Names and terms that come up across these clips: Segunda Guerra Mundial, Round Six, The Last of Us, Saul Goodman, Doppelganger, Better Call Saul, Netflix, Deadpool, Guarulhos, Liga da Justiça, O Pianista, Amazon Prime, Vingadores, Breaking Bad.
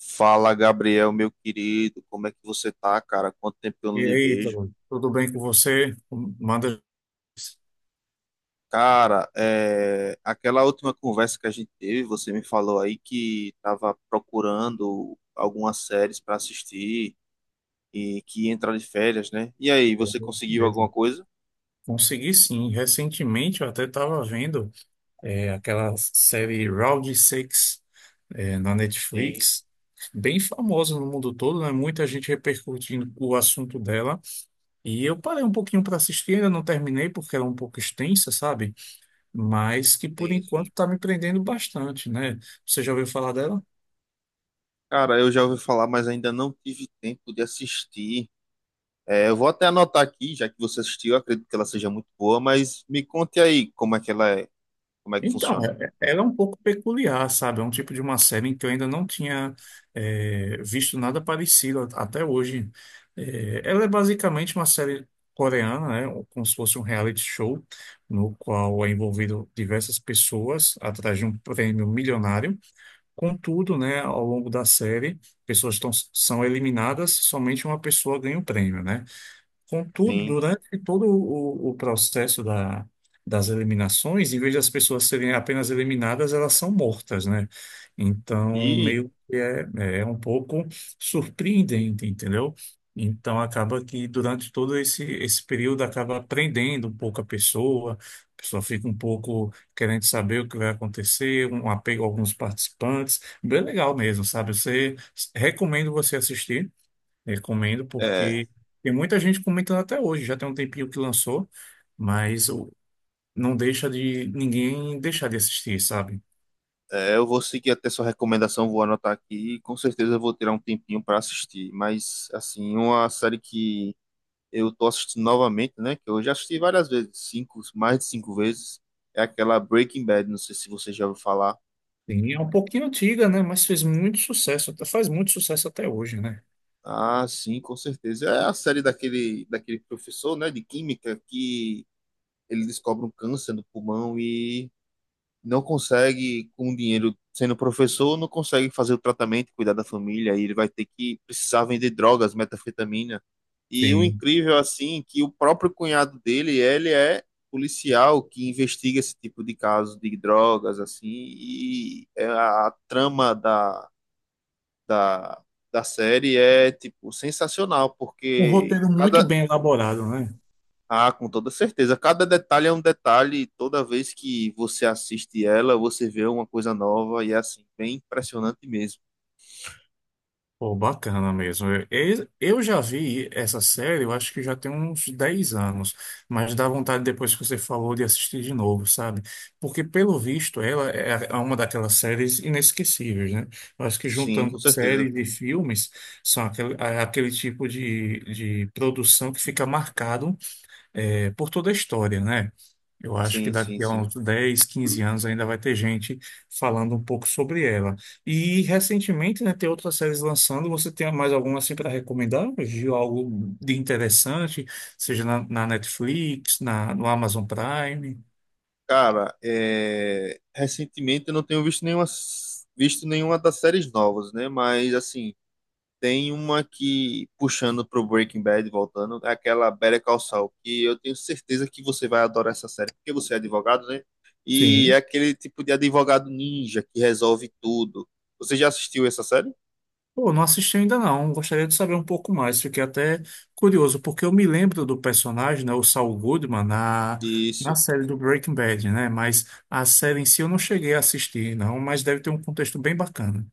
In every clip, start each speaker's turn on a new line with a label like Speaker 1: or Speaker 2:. Speaker 1: Fala, Gabriel, meu querido, como é que você tá, cara? Quanto tempo que eu
Speaker 2: E
Speaker 1: não lhe
Speaker 2: aí,
Speaker 1: vejo?
Speaker 2: Ítalo, tudo bem com você? Manda.
Speaker 1: Cara, aquela última conversa que a gente teve, você me falou aí que tava procurando algumas séries para assistir e que ia entrar de férias, né? E aí,
Speaker 2: Pô,
Speaker 1: você
Speaker 2: é isso
Speaker 1: conseguiu alguma
Speaker 2: mesmo.
Speaker 1: coisa?
Speaker 2: Consegui sim. Recentemente eu até estava vendo aquela série Round Six na
Speaker 1: Sim,
Speaker 2: Netflix, bem famosa no mundo todo, né? Muita gente repercutindo o assunto dela. E eu parei um pouquinho para assistir, ainda não terminei porque era um pouco extensa, sabe? Mas que por
Speaker 1: sim,
Speaker 2: enquanto
Speaker 1: sim.
Speaker 2: está me prendendo bastante, né? Você já ouviu falar dela?
Speaker 1: Cara, eu já ouvi falar, mas ainda não tive tempo de assistir. É, eu vou até anotar aqui, já que você assistiu, eu acredito que ela seja muito boa, mas me conte aí como é que ela é, como é que
Speaker 2: Então,
Speaker 1: funciona.
Speaker 2: ela é um pouco peculiar, sabe? É um tipo de uma série em que eu ainda não tinha visto nada parecido até hoje. É, ela é basicamente uma série coreana, né? Como se fosse um reality show, no qual é envolvido diversas pessoas atrás de um prêmio milionário. Contudo, né, ao longo da série, são eliminadas, somente uma pessoa ganha o prêmio, né? Contudo,
Speaker 1: Sim.
Speaker 2: durante todo o processo das eliminações, em vez das pessoas serem apenas eliminadas, elas são mortas, né? Então,
Speaker 1: E
Speaker 2: é um pouco surpreendente, entendeu? Então, acaba que durante todo esse período, acaba prendendo um pouco a pessoa fica um pouco querendo saber o que vai acontecer, um apego a alguns participantes. Bem legal mesmo, sabe? Recomendo você assistir. Recomendo
Speaker 1: É,
Speaker 2: porque tem muita gente comentando até hoje, já tem um tempinho que lançou, mas o- não deixa de ninguém deixar de assistir, sabe?
Speaker 1: eu vou seguir até sua recomendação, vou anotar aqui e com certeza eu vou tirar um tempinho para assistir. Mas, assim, uma série que eu tô assistindo novamente, né? Que eu já assisti várias vezes, cinco, mais de cinco vezes, é aquela Breaking Bad. Não sei se você já ouviu falar.
Speaker 2: Sim, é um pouquinho antiga, né? Mas fez muito sucesso, faz muito sucesso até hoje, né?
Speaker 1: Ah, sim, com certeza. É a série daquele professor, né, de química que ele descobre um câncer no pulmão e não consegue, com o dinheiro sendo professor, não consegue fazer o tratamento, cuidar da família, e ele vai ter que precisar vender drogas, metanfetamina. E o
Speaker 2: Sim.
Speaker 1: incrível, assim, que o próprio cunhado dele, ele é policial que investiga esse tipo de caso de drogas, assim, e é a trama da, da série é, tipo, sensacional,
Speaker 2: Um
Speaker 1: porque
Speaker 2: roteiro muito
Speaker 1: cada,
Speaker 2: bem elaborado, né?
Speaker 1: ah, com toda certeza. Cada detalhe é um detalhe. Toda vez que você assiste ela, você vê uma coisa nova e é assim, bem impressionante mesmo.
Speaker 2: Pô, bacana mesmo. Eu já vi essa série, eu acho que já tem uns 10 anos, mas dá vontade depois que você falou de assistir de novo, sabe? Porque, pelo visto, ela é uma daquelas séries inesquecíveis, né? Eu acho que
Speaker 1: Sim, com
Speaker 2: juntando
Speaker 1: certeza.
Speaker 2: séries e filmes, é aquele tipo de produção que fica marcado por toda a história, né? Eu acho que
Speaker 1: Sim, sim,
Speaker 2: daqui a
Speaker 1: sim.
Speaker 2: uns 10, 15 anos ainda vai ter gente falando um pouco sobre ela. E recentemente, né, tem outras séries lançando. Você tem mais alguma assim para recomendar? Viu algo de interessante, seja na Netflix, no Amazon Prime?
Speaker 1: Cara, recentemente eu não tenho visto nenhuma das séries novas, né? Mas assim. Tem uma que, puxando pro Breaking Bad, voltando, é aquela Better Call Saul, que eu tenho certeza que você vai adorar essa série, porque você é advogado, né? E é
Speaker 2: Sim.
Speaker 1: aquele tipo de advogado ninja que resolve tudo. Você já assistiu essa série?
Speaker 2: Pô, não assisti ainda não. Gostaria de saber um pouco mais. Fiquei até curioso, porque eu me lembro do personagem, né, o Saul Goodman, na
Speaker 1: Isso.
Speaker 2: série do Breaking Bad, né? Mas a série em si eu não cheguei a assistir, não, mas deve ter um contexto bem bacana.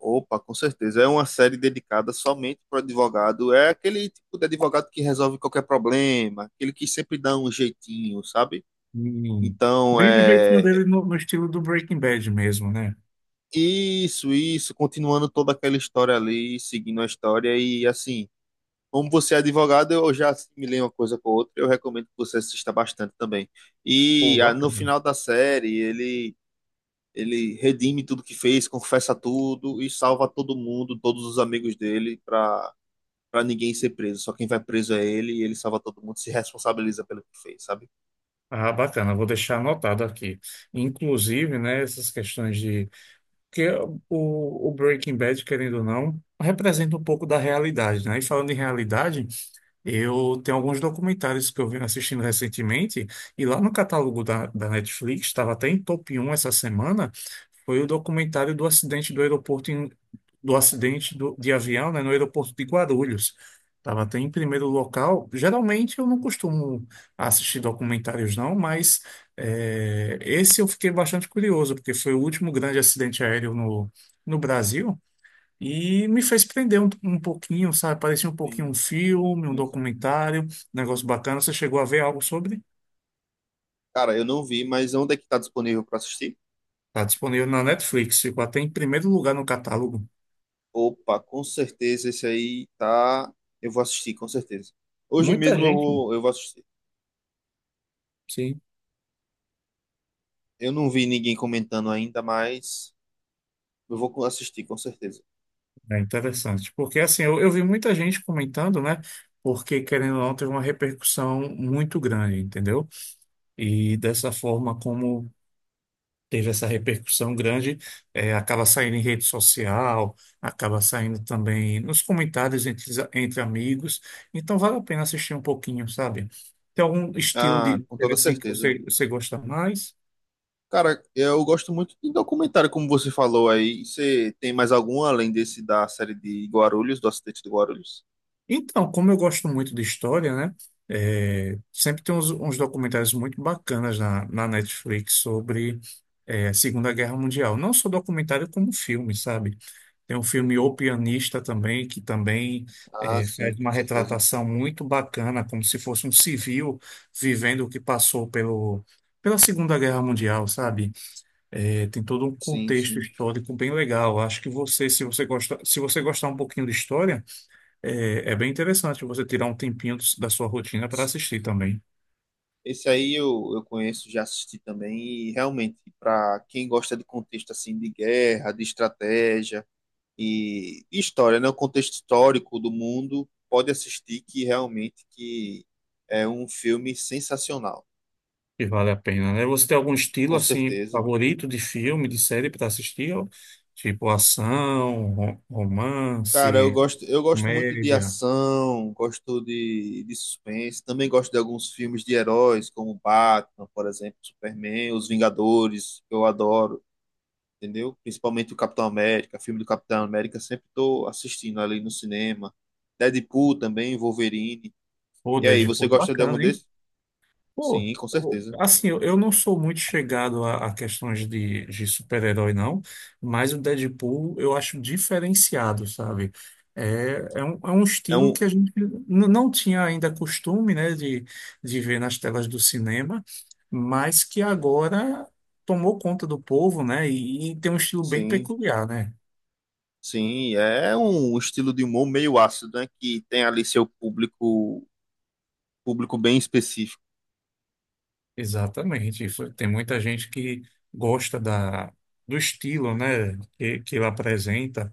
Speaker 1: Opa, com certeza. É uma série dedicada somente para advogado. É aquele tipo de advogado que resolve qualquer problema, aquele que sempre dá um jeitinho, sabe?
Speaker 2: Hum.
Speaker 1: Então,
Speaker 2: Bem do jeitinho
Speaker 1: é.
Speaker 2: dele no estilo do Breaking Bad mesmo, né?
Speaker 1: Isso, isso. Continuando toda aquela história ali, seguindo a história. E assim, como você é advogado, eu já assimilei uma coisa com a outra. Eu recomendo que você assista bastante também.
Speaker 2: Pô,
Speaker 1: E ah, no
Speaker 2: bacana.
Speaker 1: final da série, ele redime tudo que fez, confessa tudo e salva todo mundo, todos os amigos dele, para ninguém ser preso. Só quem vai preso é ele e ele salva todo mundo, se responsabiliza pelo que fez, sabe?
Speaker 2: Ah, bacana, vou deixar anotado aqui. Inclusive, né, essas questões de. Porque o Breaking Bad, querendo ou não, representa um pouco da realidade, né? E falando em realidade. Eu tenho alguns documentários que eu venho assistindo recentemente, e lá no catálogo da Netflix, estava até em top um essa semana, foi o documentário do acidente do aeroporto, do acidente de avião, né, no aeroporto de Guarulhos. Estava até em primeiro local. Geralmente eu não costumo assistir documentários, não, mas esse eu fiquei bastante curioso, porque foi o último grande acidente aéreo no, no Brasil. E me fez prender um pouquinho, sabe? Parecia um pouquinho um
Speaker 1: Sim,
Speaker 2: filme, um
Speaker 1: sim, sim.
Speaker 2: documentário, um negócio bacana. Você chegou a ver algo sobre?
Speaker 1: Cara, eu não vi, mas onde é que tá disponível para assistir?
Speaker 2: Está disponível na Netflix, ficou até em primeiro lugar no catálogo.
Speaker 1: Opa, com certeza esse aí tá. Eu vou assistir, com certeza. Hoje
Speaker 2: Muita
Speaker 1: mesmo
Speaker 2: gente,
Speaker 1: eu vou assistir.
Speaker 2: sim,
Speaker 1: Eu não vi ninguém comentando ainda, mas eu vou assistir com certeza.
Speaker 2: é interessante. Porque assim, eu vi muita gente comentando, né? Porque, querendo ou não, teve uma repercussão muito grande, entendeu? E dessa forma como teve essa repercussão grande, acaba saindo em rede social, acaba saindo também nos comentários entre, entre amigos. Então vale a pena assistir um pouquinho, sabe? Tem algum estilo
Speaker 1: Ah,
Speaker 2: de
Speaker 1: com
Speaker 2: série
Speaker 1: toda
Speaker 2: assim que
Speaker 1: certeza.
Speaker 2: você gosta mais?
Speaker 1: Cara, eu gosto muito de documentário, como você falou aí. Você tem mais algum além desse da série de Guarulhos, do acidente de Guarulhos?
Speaker 2: Então, como eu gosto muito de história, né? Sempre tem uns documentários muito bacanas na Netflix sobre a Segunda Guerra Mundial. Não só documentário, como filme, sabe? Tem um filme O Pianista também, que também
Speaker 1: Ah, sim,
Speaker 2: faz
Speaker 1: com
Speaker 2: uma
Speaker 1: certeza.
Speaker 2: retratação muito bacana, como se fosse um civil vivendo o que passou pela Segunda Guerra Mundial, sabe? Tem todo um
Speaker 1: Sim,
Speaker 2: contexto
Speaker 1: sim,
Speaker 2: histórico bem legal. Acho que você, se você gosta, se você gostar um pouquinho de história, é bem interessante você tirar um tempinho da sua rotina para
Speaker 1: sim.
Speaker 2: assistir também.
Speaker 1: Esse aí eu conheço, já assisti também. E realmente, para quem gosta de contexto assim de guerra, de estratégia, e história, né? O contexto histórico do mundo pode assistir que realmente que é um filme sensacional,
Speaker 2: E vale a pena, né? Você tem algum estilo
Speaker 1: com
Speaker 2: assim
Speaker 1: certeza.
Speaker 2: favorito de filme, de série para assistir? Tipo ação,
Speaker 1: Cara,
Speaker 2: romance,
Speaker 1: eu gosto muito de
Speaker 2: comédia.
Speaker 1: ação, gosto de suspense, também gosto de alguns filmes de heróis, como Batman, por exemplo, Superman, Os Vingadores, que eu adoro, entendeu? Principalmente o Capitão América, filme do Capitão América, sempre estou assistindo ali no cinema. Deadpool também, Wolverine.
Speaker 2: Pô,
Speaker 1: E aí, você
Speaker 2: Deadpool, é
Speaker 1: gosta de algum
Speaker 2: bacana, hein?
Speaker 1: desses?
Speaker 2: Pô,
Speaker 1: Sim, com
Speaker 2: eu-
Speaker 1: certeza.
Speaker 2: assim, eu, eu não sou muito chegado a questões de super-herói, não, mas o Deadpool eu acho diferenciado, sabe? É, é um
Speaker 1: É
Speaker 2: estilo
Speaker 1: um,
Speaker 2: que a gente não tinha ainda costume, né, de ver nas telas do cinema, mas que agora tomou conta do povo, né? E tem um estilo bem
Speaker 1: sim,
Speaker 2: peculiar, né?
Speaker 1: sim, é um estilo de humor meio ácido, né? Que tem ali seu público, público bem específico.
Speaker 2: Exatamente. Isso. Tem muita gente que gosta do estilo, né, que ele apresenta,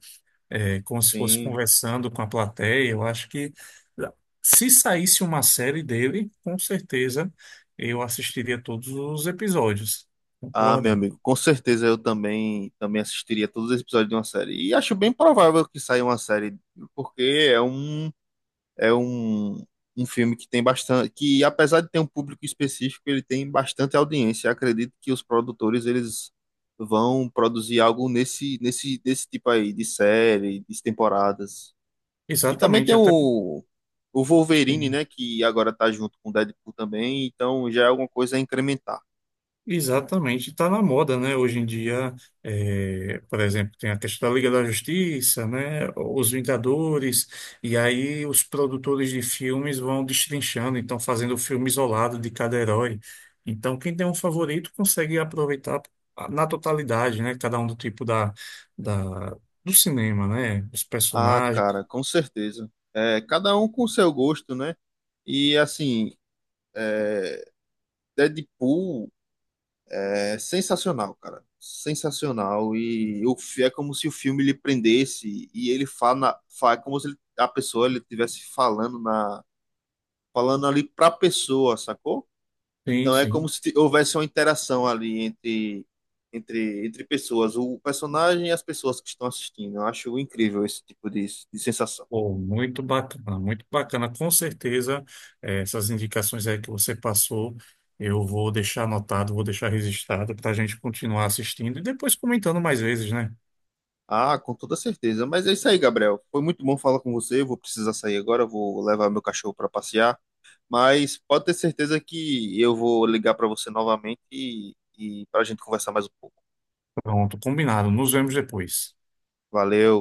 Speaker 2: é, como se fosse
Speaker 1: Sim.
Speaker 2: conversando com a plateia. Eu acho que ah, se saísse uma série dele, com certeza eu assistiria todos os episódios.
Speaker 1: Ah, meu
Speaker 2: Concorda?
Speaker 1: amigo, com certeza eu também assistiria todos os episódios de uma série. E acho bem provável que saia uma série, porque é um é um, um filme que tem bastante, que apesar de ter um público específico, ele tem bastante audiência. Acredito que os produtores eles vão produzir algo nesse nesse desse tipo aí de série, de temporadas. E também
Speaker 2: Exatamente,
Speaker 1: tem
Speaker 2: até
Speaker 1: o Wolverine,
Speaker 2: sim.
Speaker 1: né? Que agora tá junto com o Deadpool também, então já é alguma coisa a incrementar.
Speaker 2: Exatamente, está na moda, né? Hoje em dia, é, por exemplo, tem a questão da Liga da Justiça, né? Os Vingadores, e aí os produtores de filmes vão destrinchando, então fazendo o filme isolado de cada herói. Então, quem tem um favorito consegue aproveitar na totalidade, né? Cada um do tipo da, do cinema, né? Os
Speaker 1: Ah,
Speaker 2: personagens.
Speaker 1: cara, com certeza. É, cada um com o seu gosto, né? E assim, é, Deadpool é sensacional, cara. Sensacional. E é como se o filme lhe prendesse e ele é como se a pessoa ele estivesse falando ali pra pessoa, sacou?
Speaker 2: Sim,
Speaker 1: Então é
Speaker 2: sim.
Speaker 1: como se houvesse uma interação ali entre pessoas, o personagem e as pessoas que estão assistindo. Eu acho incrível esse tipo de sensação.
Speaker 2: Pô, muito bacana, muito bacana. Com certeza, essas indicações aí que você passou, eu vou deixar anotado, vou deixar registrado para a gente continuar assistindo e depois comentando mais vezes, né?
Speaker 1: Ah, com toda certeza. Mas é isso aí, Gabriel. Foi muito bom falar com você. Eu vou precisar sair agora, vou levar meu cachorro para passear. Mas pode ter certeza que eu vou ligar para você novamente e para a gente conversar mais um pouco.
Speaker 2: Pronto, combinado. Nos vemos depois.
Speaker 1: Valeu.